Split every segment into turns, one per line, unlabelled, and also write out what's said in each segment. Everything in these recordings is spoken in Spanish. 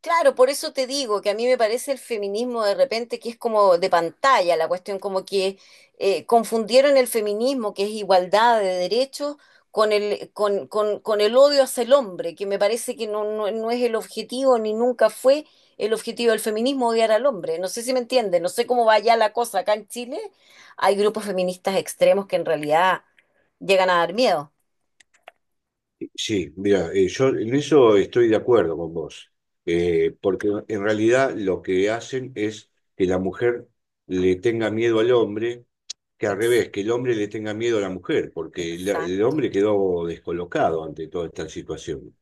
Claro, por eso te digo que a mí me parece el feminismo de repente que es como de pantalla la cuestión, como que confundieron el feminismo, que es igualdad de derechos, con el odio hacia el hombre, que me parece que no, no, no es el objetivo ni nunca fue el objetivo del feminismo odiar al hombre. No sé si me entiendes, no sé cómo va ya la cosa acá en Chile. Hay grupos feministas extremos que en realidad llegan a dar miedo.
Sí, mira, yo en eso estoy de acuerdo con vos, porque en realidad lo que hacen es que la mujer le tenga miedo al hombre, que al
Ex-
revés, que el hombre le tenga miedo a la mujer, porque el
exacto.
hombre quedó descolocado ante toda esta situación.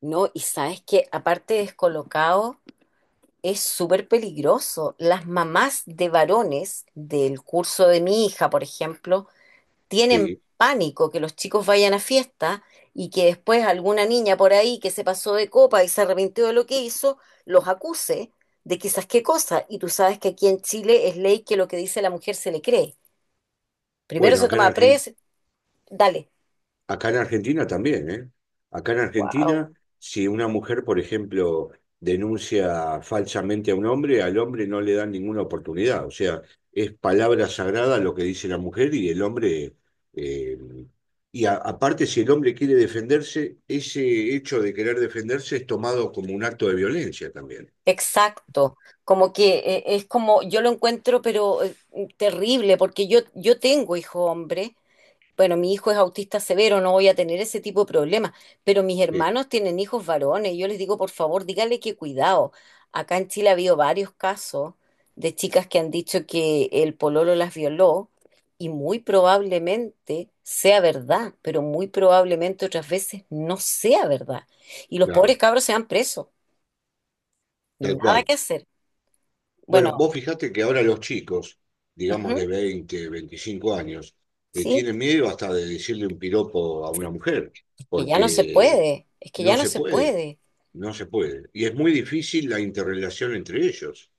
No, y sabes que aparte descolocado. Es súper peligroso. Las mamás de varones del curso de mi hija, por ejemplo, tienen
Eh,
pánico que los chicos vayan a fiesta y que después alguna niña por ahí que se pasó de copa y se arrepintió de lo que hizo, los acuse de quizás qué cosa. Y tú sabes que aquí en Chile es ley que lo que dice la mujer se le cree. Primero
bueno,
se
acá en
toma
Argentina.
dale.
Acá en Argentina también, ¿eh? Acá en
Wow.
Argentina, si una mujer, por ejemplo, denuncia falsamente a un hombre, al hombre no le dan ninguna oportunidad. O sea, es palabra sagrada lo que dice la mujer y el hombre... eh, y aparte, si el hombre quiere defenderse, ese hecho de querer defenderse es tomado como un acto de violencia también.
Exacto. Como que es como, yo lo encuentro, pero terrible, porque yo tengo hijo hombre. Bueno, mi hijo es autista severo, no voy a tener ese tipo de problemas, pero mis
Sí,
hermanos tienen hijos varones. Yo les digo, por favor, díganle que cuidado. Acá en Chile ha habido varios casos de chicas que han dicho que el pololo las violó y muy probablemente sea verdad, pero muy probablemente otras veces no sea verdad. Y los
claro,
pobres cabros se van presos,
tal
nada
cual.
que hacer.
Bueno,
Bueno,
vos fijate que ahora los chicos, digamos de
ujú,
20, 25 años,
sí,
tienen miedo hasta de decirle un piropo a una mujer,
es que ya no se
porque
puede, es que ya
no
no
se
se
puede,
puede,
no se puede. Y es muy difícil la interrelación entre ellos,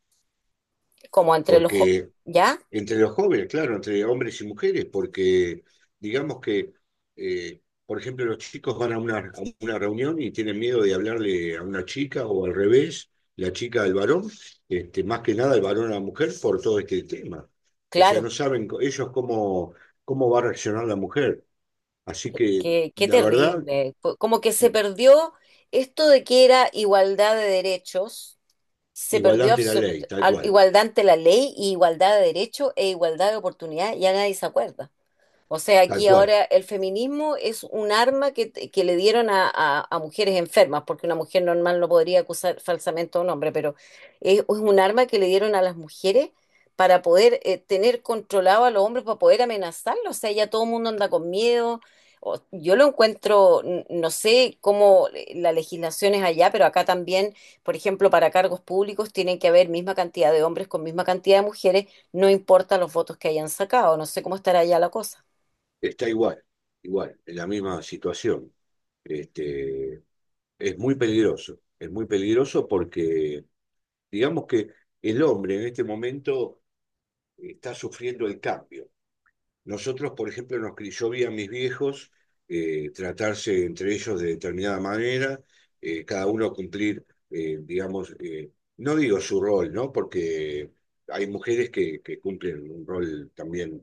como entre los...
porque
¿Ya?
entre los jóvenes, claro, entre hombres y mujeres, porque digamos que, por ejemplo, los chicos van a una reunión y tienen miedo de hablarle a una chica o al revés, la chica al varón, este, más que nada el varón a la mujer por todo este tema. O sea,
Claro.
no saben ellos cómo, cómo va a reaccionar la mujer. Así que,
Qué, qué
la verdad,
terrible. Como que se perdió esto de que era igualdad de derechos, se
igualdad
perdió
ante la ley,
absoluta
tal cual,
igualdad ante la ley y igualdad de derechos e igualdad de oportunidad, ya nadie se acuerda. O sea,
tal
aquí
cual.
ahora el feminismo es un arma que le dieron a, a mujeres enfermas, porque una mujer normal no podría acusar falsamente a un hombre, pero es un arma que le dieron a las mujeres para poder tener controlado a los hombres, para poder amenazarlos. O sea, ya todo el mundo anda con miedo. Yo lo encuentro, no sé cómo la legislación es allá, pero acá también, por ejemplo, para cargos públicos tienen que haber misma cantidad de hombres con misma cantidad de mujeres, no importa los votos que hayan sacado. No sé cómo estará allá la cosa.
Está igual, igual, en la misma situación. Este, es muy peligroso porque digamos que el hombre en este momento está sufriendo el cambio. Nosotros, por ejemplo, nos, yo vi a mis viejos tratarse entre ellos de determinada manera, cada uno cumplir, eh, digamos, eh, no digo su rol, ¿no? Porque hay mujeres que cumplen un rol también,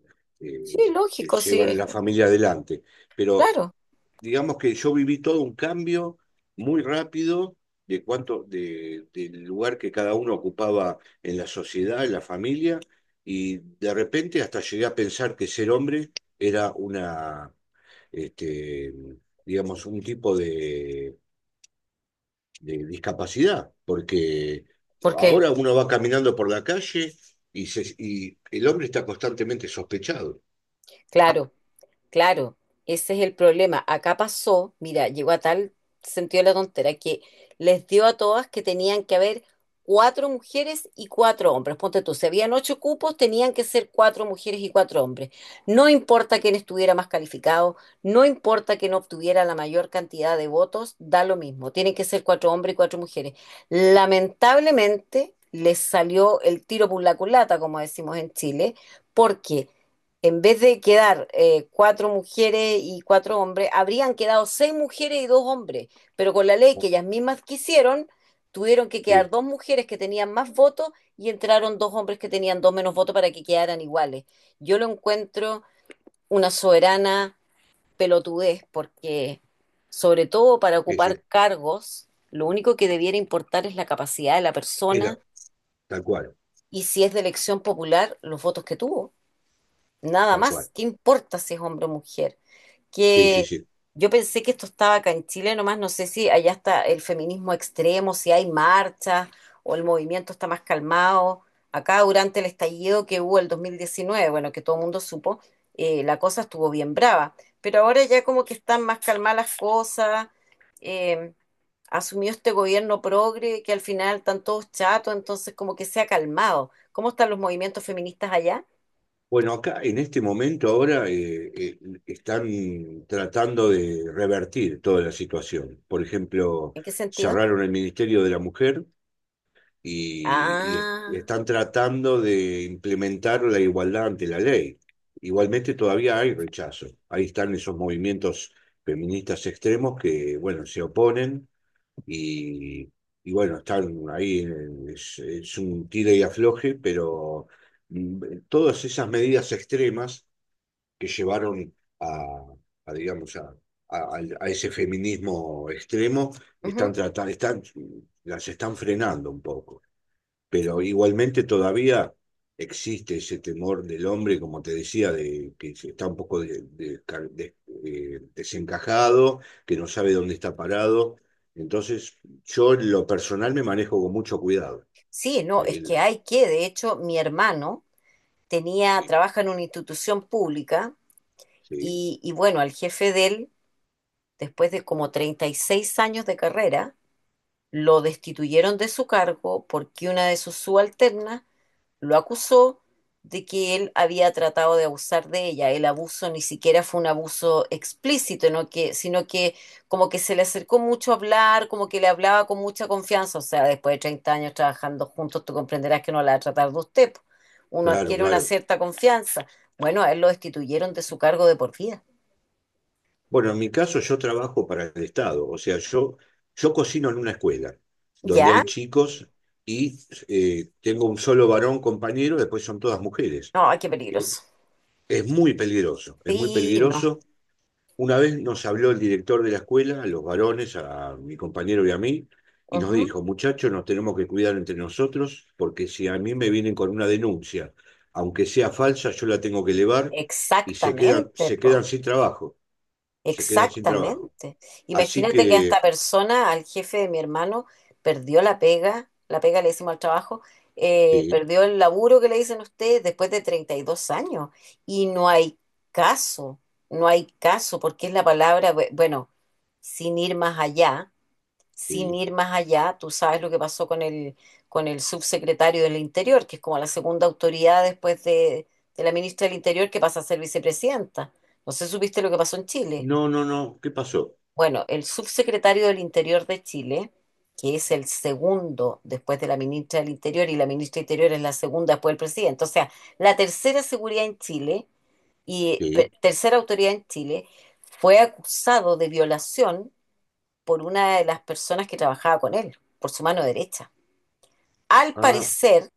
Sí,
que
lógico,
llevan
sí,
la familia adelante, pero
claro.
digamos que yo viví todo un cambio muy rápido de cuánto, de, del lugar que cada uno ocupaba en la sociedad, en la familia, y de repente hasta llegué a pensar que ser hombre era una, este, digamos, un tipo de discapacidad, porque
¿Por qué?
ahora uno va caminando por la calle y, y el hombre está constantemente sospechado.
Claro, Claro, ese es el problema. Acá pasó, mira, llegó a tal sentido la tontera que les dio a todas que tenían que haber cuatro mujeres y cuatro hombres. Ponte tú, si habían ocho cupos, tenían que ser cuatro mujeres y cuatro hombres. No importa quién estuviera más calificado, no importa quién obtuviera la mayor cantidad de votos, da lo mismo. Tienen que ser cuatro hombres y cuatro mujeres. Lamentablemente, les salió el tiro por la culata, como decimos en Chile, porque en vez de quedar cuatro mujeres y cuatro hombres, habrían quedado seis mujeres y dos hombres, pero con la ley
¿No?
que ellas mismas quisieron, tuvieron que
Que-
quedar dos mujeres que tenían más votos y entraron dos hombres que tenían dos menos votos para que quedaran iguales. Yo lo encuentro una soberana pelotudez, porque sobre todo para
que
ocupar
se-
cargos, lo único que debiera importar es la capacidad de la
era
persona
tal cual,
y si es de elección popular, los votos que tuvo. Nada
tal
más,
cual.
¿qué importa si es hombre o mujer?
Sí, sí,
Que
sí.
yo pensé que esto estaba acá en Chile nomás, no sé si allá está el feminismo extremo, si hay marchas o el movimiento está más calmado. Acá durante el estallido que hubo el 2019 bueno, que todo el mundo supo, la cosa estuvo bien brava, pero ahora ya como que están más calmadas las cosas, eh, asumió este gobierno progre que al final están todos chatos, entonces como que se ha calmado. ¿Cómo están los movimientos feministas allá?
Bueno, acá en este momento ahora están tratando de revertir toda la situación. Por ejemplo,
¿En qué sentido?
cerraron el Ministerio de la Mujer y
Ah,
están tratando de implementar la igualdad ante la ley. Igualmente todavía hay rechazo. Ahí están esos movimientos feministas extremos que, bueno, se oponen y, y bueno, están ahí, es un tire y afloje, pero todas esas medidas extremas que llevaron a, a, digamos, a, a ese feminismo extremo, están
ujú.
tratando, están, las están frenando un poco pero igualmente todavía existe ese temor del hombre, como te decía, de que está un poco de- desencajado, que no sabe dónde está parado. Entonces, yo en lo personal me manejo con mucho cuidado.
Sí, no, es
El-
que hay que, de hecho, mi hermano
sí,
trabaja en una institución pública
sí,
y bueno, al jefe de él, después de como 36 años de carrera, lo destituyeron de su cargo porque una de sus subalternas lo acusó de que él había tratado de abusar de ella. El abuso ni siquiera fue un abuso explícito, ¿no? Que, sino que como que se le acercó mucho a hablar, como que le hablaba con mucha confianza. O sea, después de 30 años trabajando juntos, tú comprenderás que no la va a tratar de usted. Po. Uno
claro,
adquiere una
claro.
cierta confianza. Bueno, a él lo destituyeron de su cargo de por vida.
Bueno, en mi caso yo trabajo para el Estado, o sea, yo cocino en una escuela donde
¿Ya?
hay chicos y tengo un solo varón compañero, después son todas mujeres.
No, ay, qué peligroso.
Es muy peligroso, es muy
Sí, no.
peligroso. Una vez nos habló el director de la escuela, a los varones, a mi compañero y a mí, y nos
Ujú.
dijo, muchachos, nos tenemos que cuidar entre nosotros, porque si a mí me vienen con una denuncia, aunque sea falsa, yo la tengo que elevar y
Exactamente,
se quedan
po.
sin trabajo, se quedan sin trabajo.
Exactamente.
Así
Imagínate que a esta
que,
persona, al jefe de mi hermano, perdió la pega le decimos al trabajo,
sí,
perdió el laburo que le dicen ustedes después de 32 años. Y no hay caso, no hay caso, porque es la palabra, bueno, sin ir más allá, sin
sí.
ir más allá, tú sabes lo que pasó con el subsecretario del Interior, que es como la segunda autoridad después de la ministra del Interior que pasa a ser vicepresidenta. No sé, ¿supiste lo que pasó en Chile?
No, no, no, ¿qué pasó?
Bueno, el subsecretario del Interior de Chile, que es el segundo después de la ministra del Interior, y la ministra del Interior es la segunda después del presidente, o sea, la tercera seguridad en Chile y
Sí,
tercera autoridad en Chile, fue acusado de violación por una de las personas que trabajaba con él, por su mano derecha. Al
ah,
parecer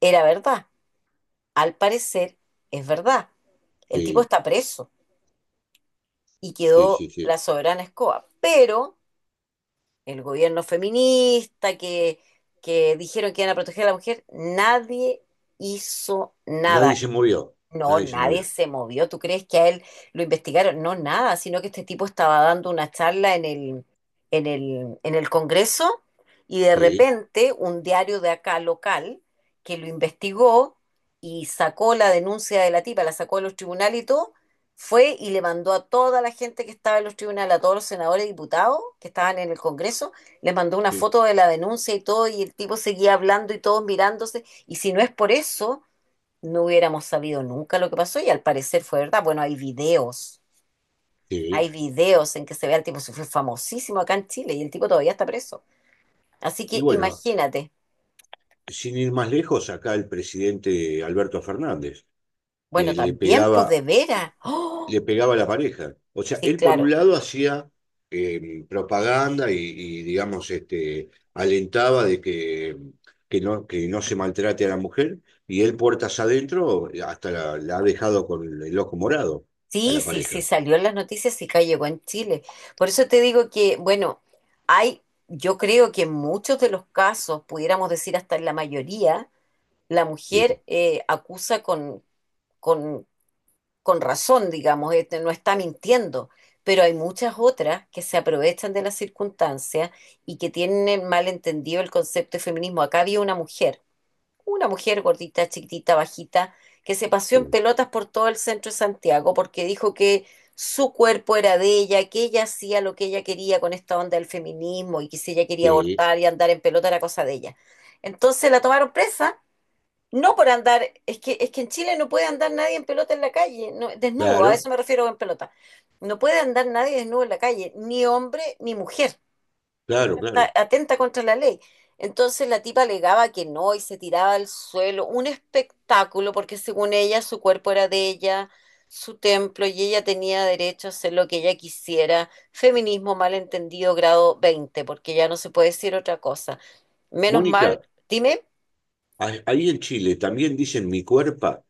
era verdad, al parecer es verdad. El tipo
sí,
está preso y
sí,
quedó
sí, sí.
la soberana escoba, pero el gobierno feminista, que dijeron que iban a proteger a la mujer, nadie hizo nada.
Nadie se movió,
No,
nadie se
nadie
movió.
se movió. ¿Tú crees que a él lo investigaron? No, nada, sino que este tipo estaba dando una charla en el, en el Congreso y de
Sí,
repente un diario de acá local que lo investigó y sacó la denuncia de la tipa, la sacó de los tribunales y todo, fue y le mandó a toda la gente que estaba en los tribunales, a todos los senadores y diputados que estaban en el Congreso, les mandó una
sí,
foto de la denuncia y todo, y el tipo seguía hablando y todos mirándose, y si no es por eso no hubiéramos sabido nunca lo que pasó y al parecer fue verdad. Bueno, hay videos,
sí.
hay videos en que se ve al tipo, se fue famosísimo acá en Chile y el tipo todavía está preso. Así
Y
que
bueno,
imagínate.
sin ir más lejos, acá el presidente Alberto Fernández,
Bueno,
que
también, pues de veras. ¡Oh!
le pegaba a la pareja. O sea,
Sí,
él por un
claro.
lado hacía propaganda y, digamos, este, alentaba de que no, que no se maltrate a la mujer, y él puertas adentro hasta la, la ha dejado con el ojo morado a
Sí,
la
sí, sí,
pareja.
salió en las noticias y acá llegó en Chile. Por eso te digo que, bueno, hay, yo creo que en muchos de los casos, pudiéramos decir hasta en la mayoría, la
Eh,
mujer acusa con, con con razón, digamos, este, no está mintiendo, pero hay muchas otras que se aprovechan de las circunstancias y que tienen mal entendido el concepto de feminismo. Acá había una mujer gordita, chiquitita, bajita, que se paseó en
eh,
pelotas por todo el centro de Santiago porque dijo que su cuerpo era de ella, que ella hacía lo que ella quería con esta onda del feminismo y que si ella quería
eh,
abortar y andar en pelota era cosa de ella. Entonces la tomaron presa no por andar, es que en Chile no puede andar nadie en pelota en la calle, no, desnudo, a
claro,
eso me refiero en pelota. No puede andar nadie desnudo en la calle, ni hombre ni mujer,
claro,
está
claro.
atenta contra la ley. Entonces la tipa alegaba que no y se tiraba al suelo, un espectáculo, porque según ella su cuerpo era de ella, su templo, y ella tenía derecho a hacer lo que ella quisiera. Feminismo malentendido grado 20 porque ya no se puede decir otra cosa. Menos mal,
Mónica,
dime.
ahí en Chile también dicen mi cuerpo.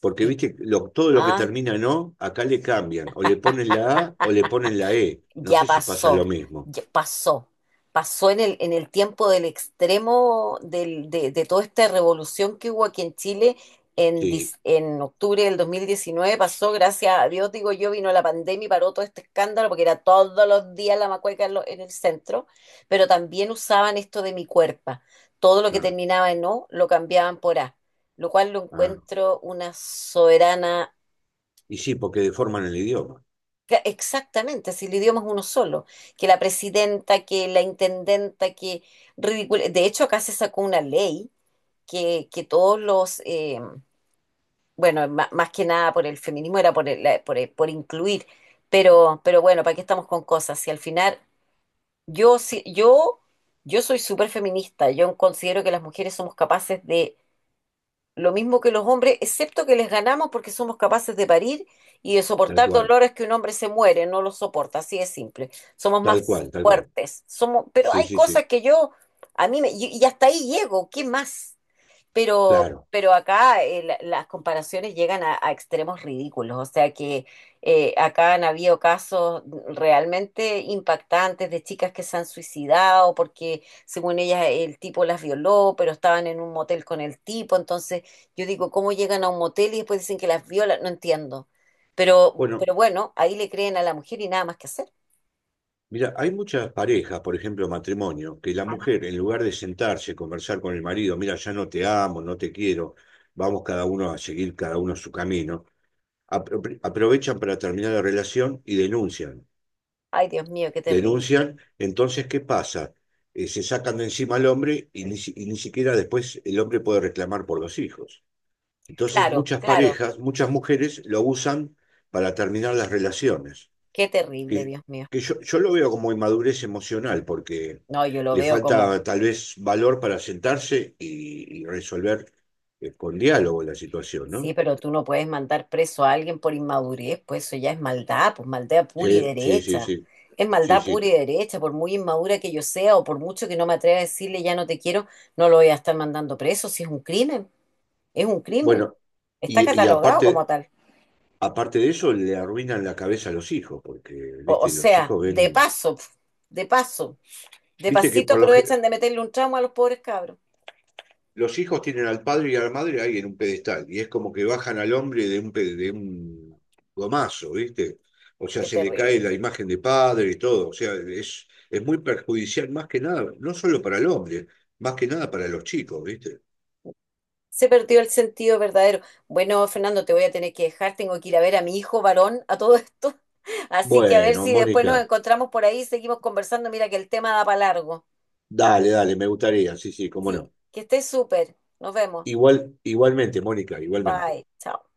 Porque
Mi-
viste, todo lo que
Ah,
termina en O, acá le cambian, o le ponen la A o le ponen la E. No
ya
sé si pasa
pasó,
lo mismo.
ya pasó, pasó en el tiempo del extremo de toda esta revolución que hubo aquí en Chile en,
Sí,
en octubre del 2019 pasó, gracias a Dios, digo yo, vino la pandemia y paró todo este escándalo porque era todos los días la macueca en, en el centro, pero también usaban esto de mi cuerpo, todo lo que
ah,
terminaba en O lo cambiaban por A, lo cual lo
ah.
encuentro una soberana.
Y sí, porque deforman el idioma,
Exactamente, si el idioma es uno solo, que la presidenta, que la intendenta, que ridículo. De hecho, acá se sacó una ley que todos los, bueno, más que nada por el feminismo era por, el- la- por, el- por incluir, pero, bueno, ¿para qué estamos con cosas? Si al final, yo, sí- yo, yo soy súper feminista, yo considero que las mujeres somos capaces de lo mismo que los hombres, excepto que les ganamos porque somos capaces de parir y de
tal
soportar
cual,
dolores que un hombre se muere, no los soporta, así es simple. Somos
tal
más
cual, tal cual.
fuertes, somos, pero
Sí,
hay
sí, sí,
cosas que yo, a mí me, y hasta ahí llego, ¿qué más? Pero,
claro.
pero acá las comparaciones llegan a extremos ridículos, o sea que acá han habido casos realmente impactantes de chicas que se han suicidado porque según ellas el tipo las violó, pero estaban en un motel con el tipo, entonces yo digo, ¿cómo llegan a un motel y después dicen que las violan? No entiendo. Pero,
Bueno,
bueno, ahí le creen a la mujer y nada más que hacer.
mira, hay muchas parejas, por ejemplo, matrimonio, que la mujer, en lugar de sentarse, conversar con el marido, mira, ya no te amo, no te quiero, vamos cada uno a seguir cada uno su camino, aprovechan para terminar la relación y denuncian.
Ay, Dios mío, qué terrible.
Denuncian, entonces, ¿qué pasa? Se sacan de encima al hombre y ni, y ni siquiera después el hombre puede reclamar por los hijos. Entonces,
Claro,
muchas
claro,
parejas, muchas mujeres lo usan para terminar las relaciones,
qué terrible,
que,
Dios mío.
que yo lo veo como inmadurez emocional, porque
No, yo lo
le
veo como...
falta tal vez valor para sentarse y resolver con diálogo la situación,
Sí,
¿no?
pero tú no puedes mandar preso a alguien por inmadurez, pues eso ya es maldad, pues maldad pura y
Sí, sí, sí,
derecha.
sí,
Es
sí,
maldad
sí.
pura y derecha, por muy inmadura que yo sea o por mucho que no me atreva a decirle ya no te quiero, no lo voy a estar mandando preso, si es un crimen, es un crimen,
Bueno,
está
y
catalogado como
aparte,
tal.
aparte de eso, le arruinan la cabeza a los hijos, porque,
O, o
viste, los
sea,
hijos
de
ven,
paso, de paso, de
viste que
pasito
por
aprovechan de meterle un tramo a los pobres cabros.
los hijos tienen al padre y a la madre ahí en un pedestal, y es como que bajan al hombre de un, de un gomazo, viste. O sea,
Qué
se le cae
terrible.
la imagen de padre y todo, o sea, es muy perjudicial más que nada, no solo para el hombre, más que nada para los chicos, viste.
Se perdió el sentido verdadero. Bueno, Fernando, te voy a tener que dejar. Tengo que ir a ver a mi hijo varón a todo esto. Así que a ver
Bueno,
si después nos
Mónica,
encontramos por ahí y seguimos conversando. Mira que el tema da para largo.
dale, dale, me gustaría, sí, sí, cómo
Sí,
no.
que estés súper. Nos vemos.
Igual, igualmente, Mónica, igualmente.
Bye. Chao.